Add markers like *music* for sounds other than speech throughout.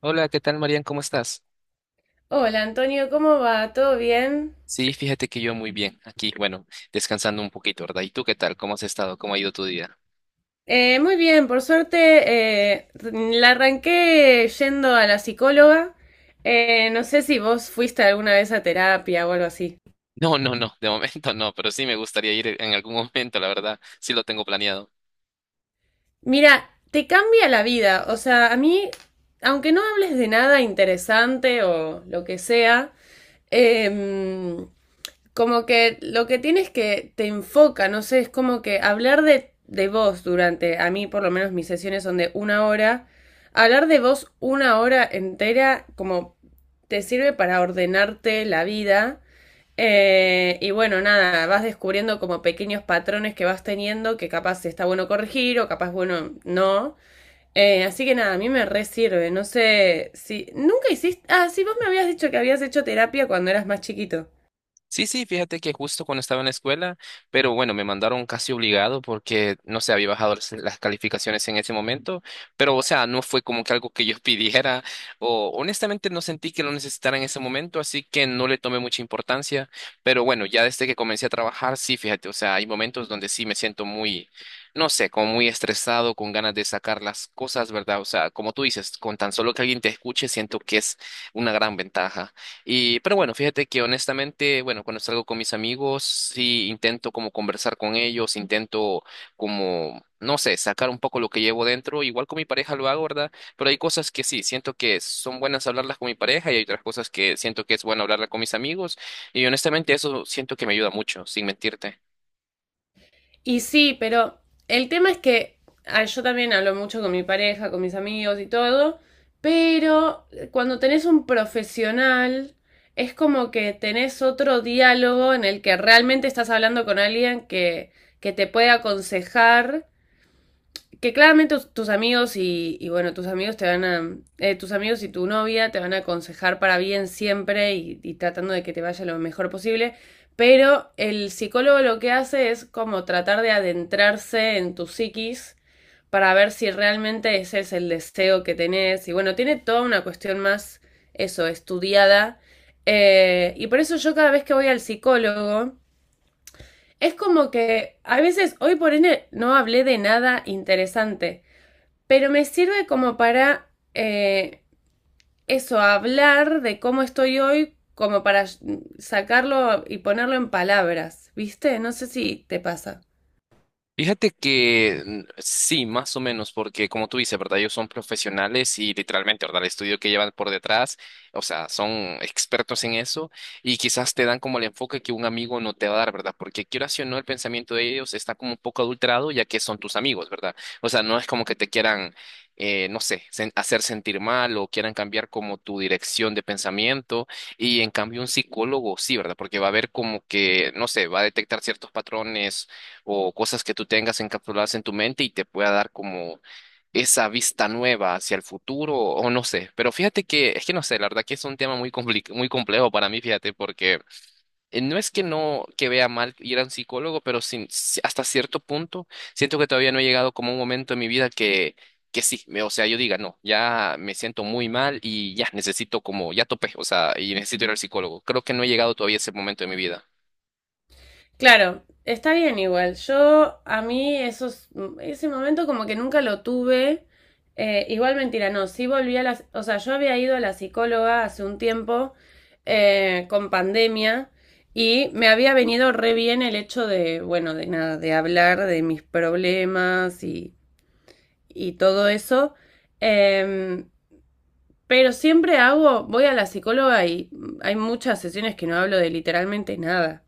Hola, ¿qué tal, Marian? ¿Cómo estás? Hola Antonio, ¿cómo va? ¿Todo bien? Sí, fíjate que yo muy bien, aquí, bueno, descansando un poquito, ¿verdad? ¿Y tú qué tal? ¿Cómo has estado? ¿Cómo ha ido tu día? Muy bien, por suerte, la arranqué yendo a la psicóloga. No sé si vos fuiste alguna vez a terapia o algo así. No, no, no, de momento *laughs* no, pero sí me gustaría ir en algún momento, la verdad, sí lo tengo planeado. Mira, te cambia la vida. O sea, a mí, aunque no hables de nada interesante o lo que sea, em, como que lo que tienes es que te enfoca, no sé, es como que hablar de vos durante, a mí por lo menos mis sesiones son de una hora, hablar de vos una hora entera como te sirve para ordenarte la vida. Y bueno, nada, vas descubriendo como pequeños patrones que vas teniendo que capaz está bueno corregir o capaz bueno no. Así que nada, a mí me re sirve. No sé si. Nunca hiciste. Ah, sí, vos me habías dicho que habías hecho terapia cuando eras más chiquito. Sí, sí, fíjate que justo cuando estaba en la escuela, pero bueno, me mandaron casi obligado porque no sé, había bajado las calificaciones en ese momento, pero o sea, no fue como que algo que yo *laughs* pidiera o honestamente no sentí que lo necesitara en ese momento, así que no le tomé mucha importancia, pero bueno, ya desde que comencé a trabajar, sí, fíjate, o sea, hay momentos donde sí me siento muy, no sé, como muy estresado, con ganas de sacar las cosas, ¿verdad? O sea, como tú dices, con tan solo que alguien te escuche, siento que es una gran ventaja. Y, pero bueno, fíjate que honestamente, bueno, cuando salgo con mis amigos, sí intento como conversar con ellos, intento como, no sé, sacar un poco lo que llevo dentro. Igual con mi pareja lo hago, ¿verdad? Pero hay cosas que sí, siento que son buenas hablarlas con mi pareja y hay otras cosas que siento que es bueno hablarlas con mis amigos. Y honestamente eso siento que me ayuda mucho, sin mentirte. Y sí, pero el tema es que yo también hablo mucho con mi pareja, con mis amigos y todo, pero cuando tenés un profesional, es como que tenés otro diálogo en el que realmente estás hablando con alguien que te puede aconsejar, que claramente tus amigos y, bueno, tus amigos te van a, tus amigos y tu novia te van a aconsejar para bien siempre y, tratando de que te vaya lo mejor posible, pero el psicólogo lo que hace es como tratar de adentrarse en tu psiquis para ver si realmente ese es el deseo que tenés y bueno, tiene toda una cuestión más, eso, estudiada. Y por eso yo cada vez que voy al psicólogo es como que a veces hoy por ende no hablé de nada interesante, pero me sirve como para, eso, hablar de cómo estoy hoy, como para sacarlo y ponerlo en palabras, ¿viste? No sé si te pasa. Fíjate que mm, sí, más o menos, porque como tú dices, ¿verdad? Ellos son profesionales y literalmente, ¿verdad? El estudio que llevan por detrás, o sea, son expertos en eso y quizás te dan como el enfoque que un amigo no te va a dar, ¿verdad? Porque quieras o no, el pensamiento de ellos está como un poco adulterado ya que son tus amigos, ¿verdad? O sea, no es como que te quieran, no sé, hacer sentir mal o quieran cambiar como tu dirección de pensamiento. Y en cambio un psicólogo sí, ¿verdad? Porque va a ver como que, no sé, va a detectar ciertos patrones o cosas que tú tengas encapsuladas en tu mente y te pueda dar como esa vista nueva hacia el futuro o no sé. Pero fíjate que, es que no sé, la verdad que es un tema muy complejo para mí, fíjate, porque no es que no, que vea mal ir a un psicólogo, pero sin, si- hasta cierto punto siento que todavía no he llegado como a un momento en mi vida que sí, o sea, yo diga, no, ya me siento muy mal y ya necesito como, ya topé, o sea, y necesito ir al psicólogo. Creo que no he llegado todavía a ese momento de mi vida. Claro, está bien igual. Yo a mí esos, ese momento como que nunca lo tuve. Igual mentira, no, sí volví a las, o sea, yo había ido a la psicóloga hace un tiempo, con pandemia, y me había venido re bien el hecho de, bueno, de nada, de hablar de mis problemas y todo eso. Em, pero siempre hago, voy a la psicóloga y hay muchas sesiones que no hablo de literalmente nada.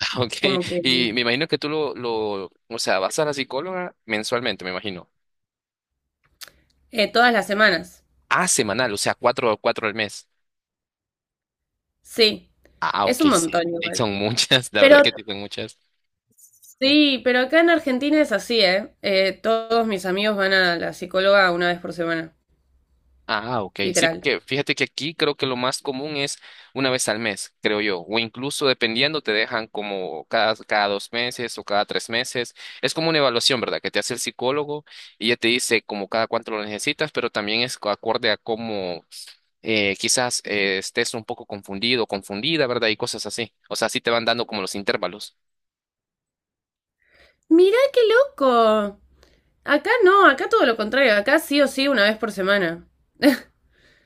*laughs* Ok, Como que y me imagino que tú, o sea, vas a la psicóloga mensualmente, me imagino. Todas las semanas. Ah, semanal, o sea, cuatro al mes. Sí, Ah, es ok, un sí, montón sí, igual. son muchas, *laughs* la Pero verdad que sí son muchas. sí, pero acá en Argentina es así, ¿eh? Todos mis amigos van a la psicóloga una vez por semana, Ah, ok, sí, literal. porque fíjate que aquí creo que lo más común es una vez al mes, creo yo, o incluso dependiendo te dejan como cada dos meses o cada tres meses. Es como una evaluación, ¿verdad? Que te hace el psicólogo y ya te dice como cada cuánto lo necesitas, pero también es acorde a cómo eh, quizás, estés un poco confundido, confundida, ¿verdad? Y cosas así. O sea, sí te van dando como los intervalos. *laughs* Mirá qué loco. Acá no, acá todo lo contrario, acá sí o sí una vez por semana. *laughs*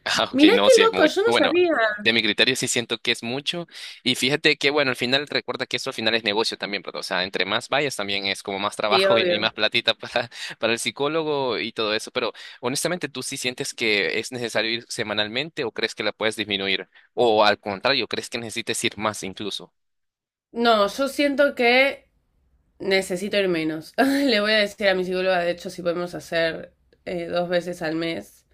Ah, ok, Mirá no, qué sí es loco, muy yo no bueno, sabía. de mi criterio sí siento que es mucho. Y fíjate que, bueno, al final recuerda que eso al final es negocio también, ¿verdad? O sea, entre más vayas también es como más Sí, trabajo *laughs* y obvio. más platita para el psicólogo y todo eso. Pero honestamente, ¿tú sí sientes que es necesario ir semanalmente o crees que la puedes disminuir? O al contrario, ¿crees que necesites ir más incluso? No, yo siento que necesito ir menos. *laughs* Le voy a decir a mi psicóloga, de hecho, si podemos hacer, dos veces al mes.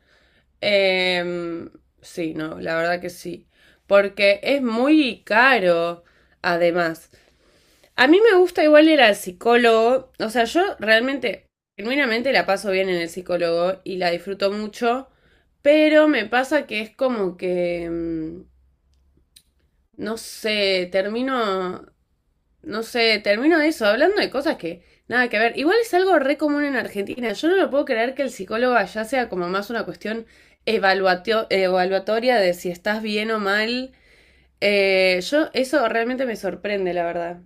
Em, sí, no, la verdad que sí. Porque es muy caro, además. A mí me gusta igual ir al psicólogo. O sea, yo realmente, genuinamente la paso bien en el psicólogo y la disfruto mucho. Pero me pasa que es como que, no sé, termino. No sé, termino de eso, hablando de cosas que nada que ver. Igual es algo re común en Argentina. Yo no lo puedo creer que el psicólogo allá sea como más una cuestión evaluatoria de si estás bien o mal. Yo, eso realmente me sorprende, la verdad.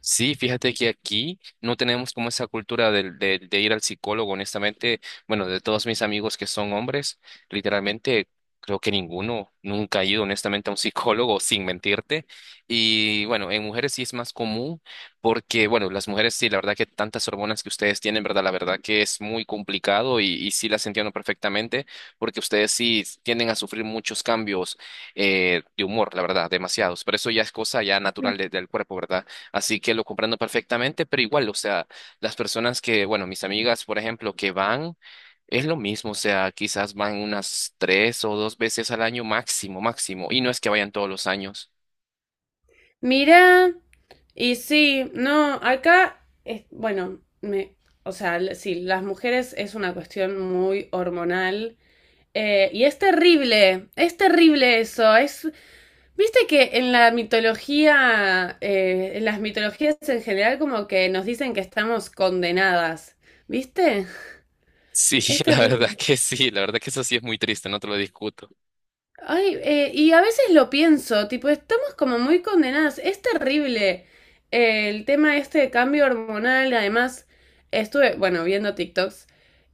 Sí, fíjate que aquí no tenemos como esa cultura de, ir al psicólogo, honestamente. Bueno, de todos mis amigos que son hombres, literalmente creo que ninguno nunca ha ido honestamente a un *laughs* psicólogo, sin mentirte. Y bueno, en mujeres sí es más común porque, bueno, las mujeres sí, la verdad que tantas hormonas que ustedes tienen, ¿verdad? La verdad que es muy complicado y sí las entiendo perfectamente porque ustedes sí tienden a sufrir muchos cambios de humor, la verdad, demasiados. Pero eso ya es cosa ya natural del cuerpo, ¿verdad? Así que lo comprendo perfectamente, pero igual, o sea, las personas que, bueno, mis amigas, por ejemplo, que van, es lo mismo, o sea, quizás van unas tres o dos veces al año máximo, máximo, y no es que vayan todos los años. Mirá, y sí, no, acá es, bueno, me, o sea, sí, las mujeres es una cuestión muy hormonal. Y es terrible eso, es, viste que en la mitología, en las mitologías en general, como que nos dicen que estamos condenadas. ¿Viste? Sí, Es *laughs* la verdad terrible. que sí, la verdad que eso sí es muy triste, no te lo discuto. Ay, y a veces lo pienso, tipo, estamos como muy condenadas. Es terrible, el tema este de cambio hormonal. Además, estuve, bueno, viendo TikToks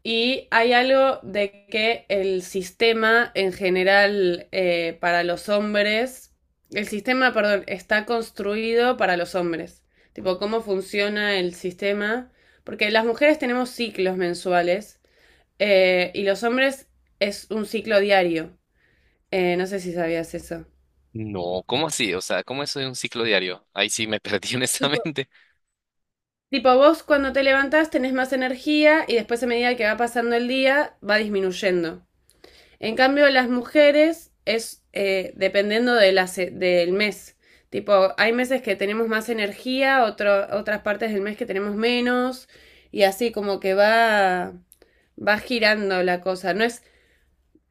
y hay algo de que el sistema en general, para los hombres, el sistema, perdón, está construido para los hombres. Tipo, cómo funciona el sistema. Porque las mujeres tenemos ciclos mensuales, y los hombres es un ciclo diario. No sé si sabías eso. No, ¿cómo así? O sea, ¿cómo eso de un ciclo diario? Ahí sí me perdí *laughs* honestamente. Tipo, vos cuando te levantás tenés más energía y después a medida que va pasando el día va disminuyendo. En cambio, las mujeres es, dependiendo de del mes. Tipo, hay meses que tenemos más energía, otras partes del mes que tenemos menos y así como que va, va girando la cosa. No es,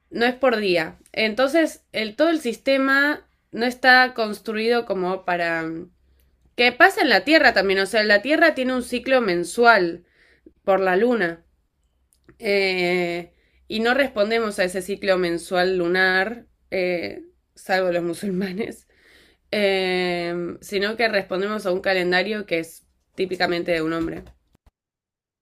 no es por día. Entonces, el, todo el sistema no está construido como para que pasa en la Tierra también, o sea, la Tierra tiene un ciclo mensual por la Luna. Eh, y no respondemos a ese ciclo mensual lunar, salvo los musulmanes, *laughs* sino que respondemos a un calendario que es típicamente de un hombre.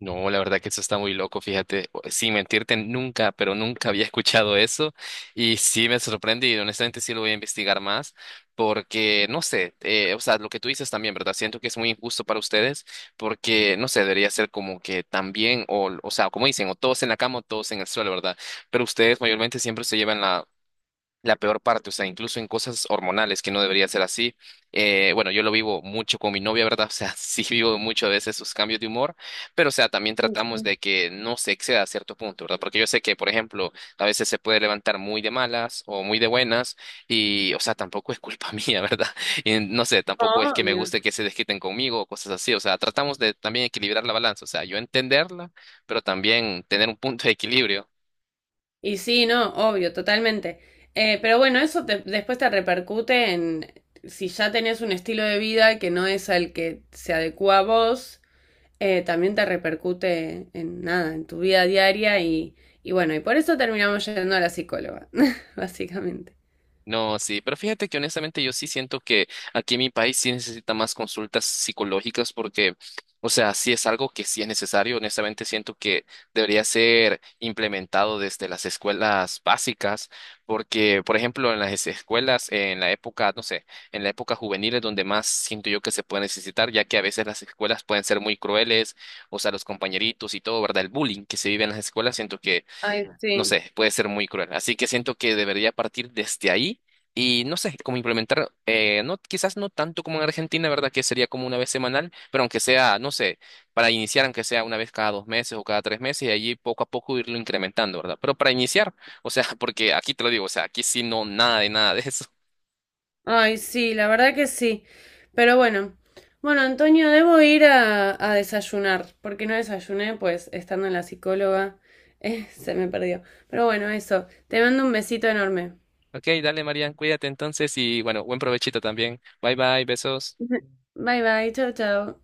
No, la verdad que eso está muy loco, fíjate, sin mentirte, nunca, pero nunca había escuchado eso y sí me sorprende y honestamente sí lo voy a investigar más porque, no sé, o sea, lo que tú dices también, ¿verdad? Siento que es muy injusto para ustedes porque, no sé, debería ser como que también, o sea, como dicen, o todos en la cama o todos en el suelo, ¿verdad? Pero ustedes mayormente siempre se llevan la peor parte, o sea, incluso en cosas hormonales que no debería ser así. Bueno, yo lo vivo mucho con mi novia, ¿verdad? O sea, *laughs* sí vivo mucho a veces sus cambios de humor, pero o sea, también Sí, tratamos sí. de que no se exceda a cierto punto, ¿verdad? Porque yo sé que, por ejemplo, a veces se puede levantar muy de malas o muy de buenas y, o sea, tampoco es culpa *laughs* mía, ¿verdad? Y no sé, tampoco es que me Obvio. guste que se desquiten conmigo o cosas así, o sea, tratamos de también equilibrar la balanza, o sea, yo entenderla, pero también tener un punto de equilibrio. Y sí, no, obvio, totalmente. Pero bueno, después te repercute en si ya tenés un estilo de vida que no es al que se adecua a vos, también te repercute en nada, en tu vida diaria y bueno, y por eso terminamos yendo a la psicóloga, *laughs* básicamente. No, sí, pero fíjate que honestamente yo sí siento que aquí en mi país sí necesita más consultas psicológicas porque, o sea, sí es algo que sí es necesario. Honestamente siento que debería ser implementado desde las escuelas básicas porque, por ejemplo, en las escuelas, en la época, no sé, en la época juvenil es donde más siento yo que se puede necesitar, ya que a veces las escuelas pueden ser muy crueles, o sea, los compañeritos y todo, ¿verdad? El bullying que se vive en las escuelas siento Ay, no sí, sé, puede ser muy cruel. Así que siento que debería partir desde ahí y no sé, cómo implementar, no, quizás no tanto como en Argentina, ¿verdad? Que sería como una vez semanal, pero aunque sea, no sé, para iniciar, aunque sea una vez cada dos meses o cada tres meses y allí poco a poco irlo incrementando, ¿verdad? Pero para iniciar, o sea, *laughs* porque aquí te lo digo, o sea, aquí sí no, nada de nada de eso. ay, sí, la verdad que sí. Pero bueno, bueno, Antonio, debo ir a desayunar, porque no desayuné, pues estando en la psicóloga, *laughs* se me perdió. Pero bueno, eso, te mando un besito enorme. Ok, dale, Marian, cuídate entonces y bueno, buen provechito también. Bye bye, besos. *laughs* Bye bye, chao, chao.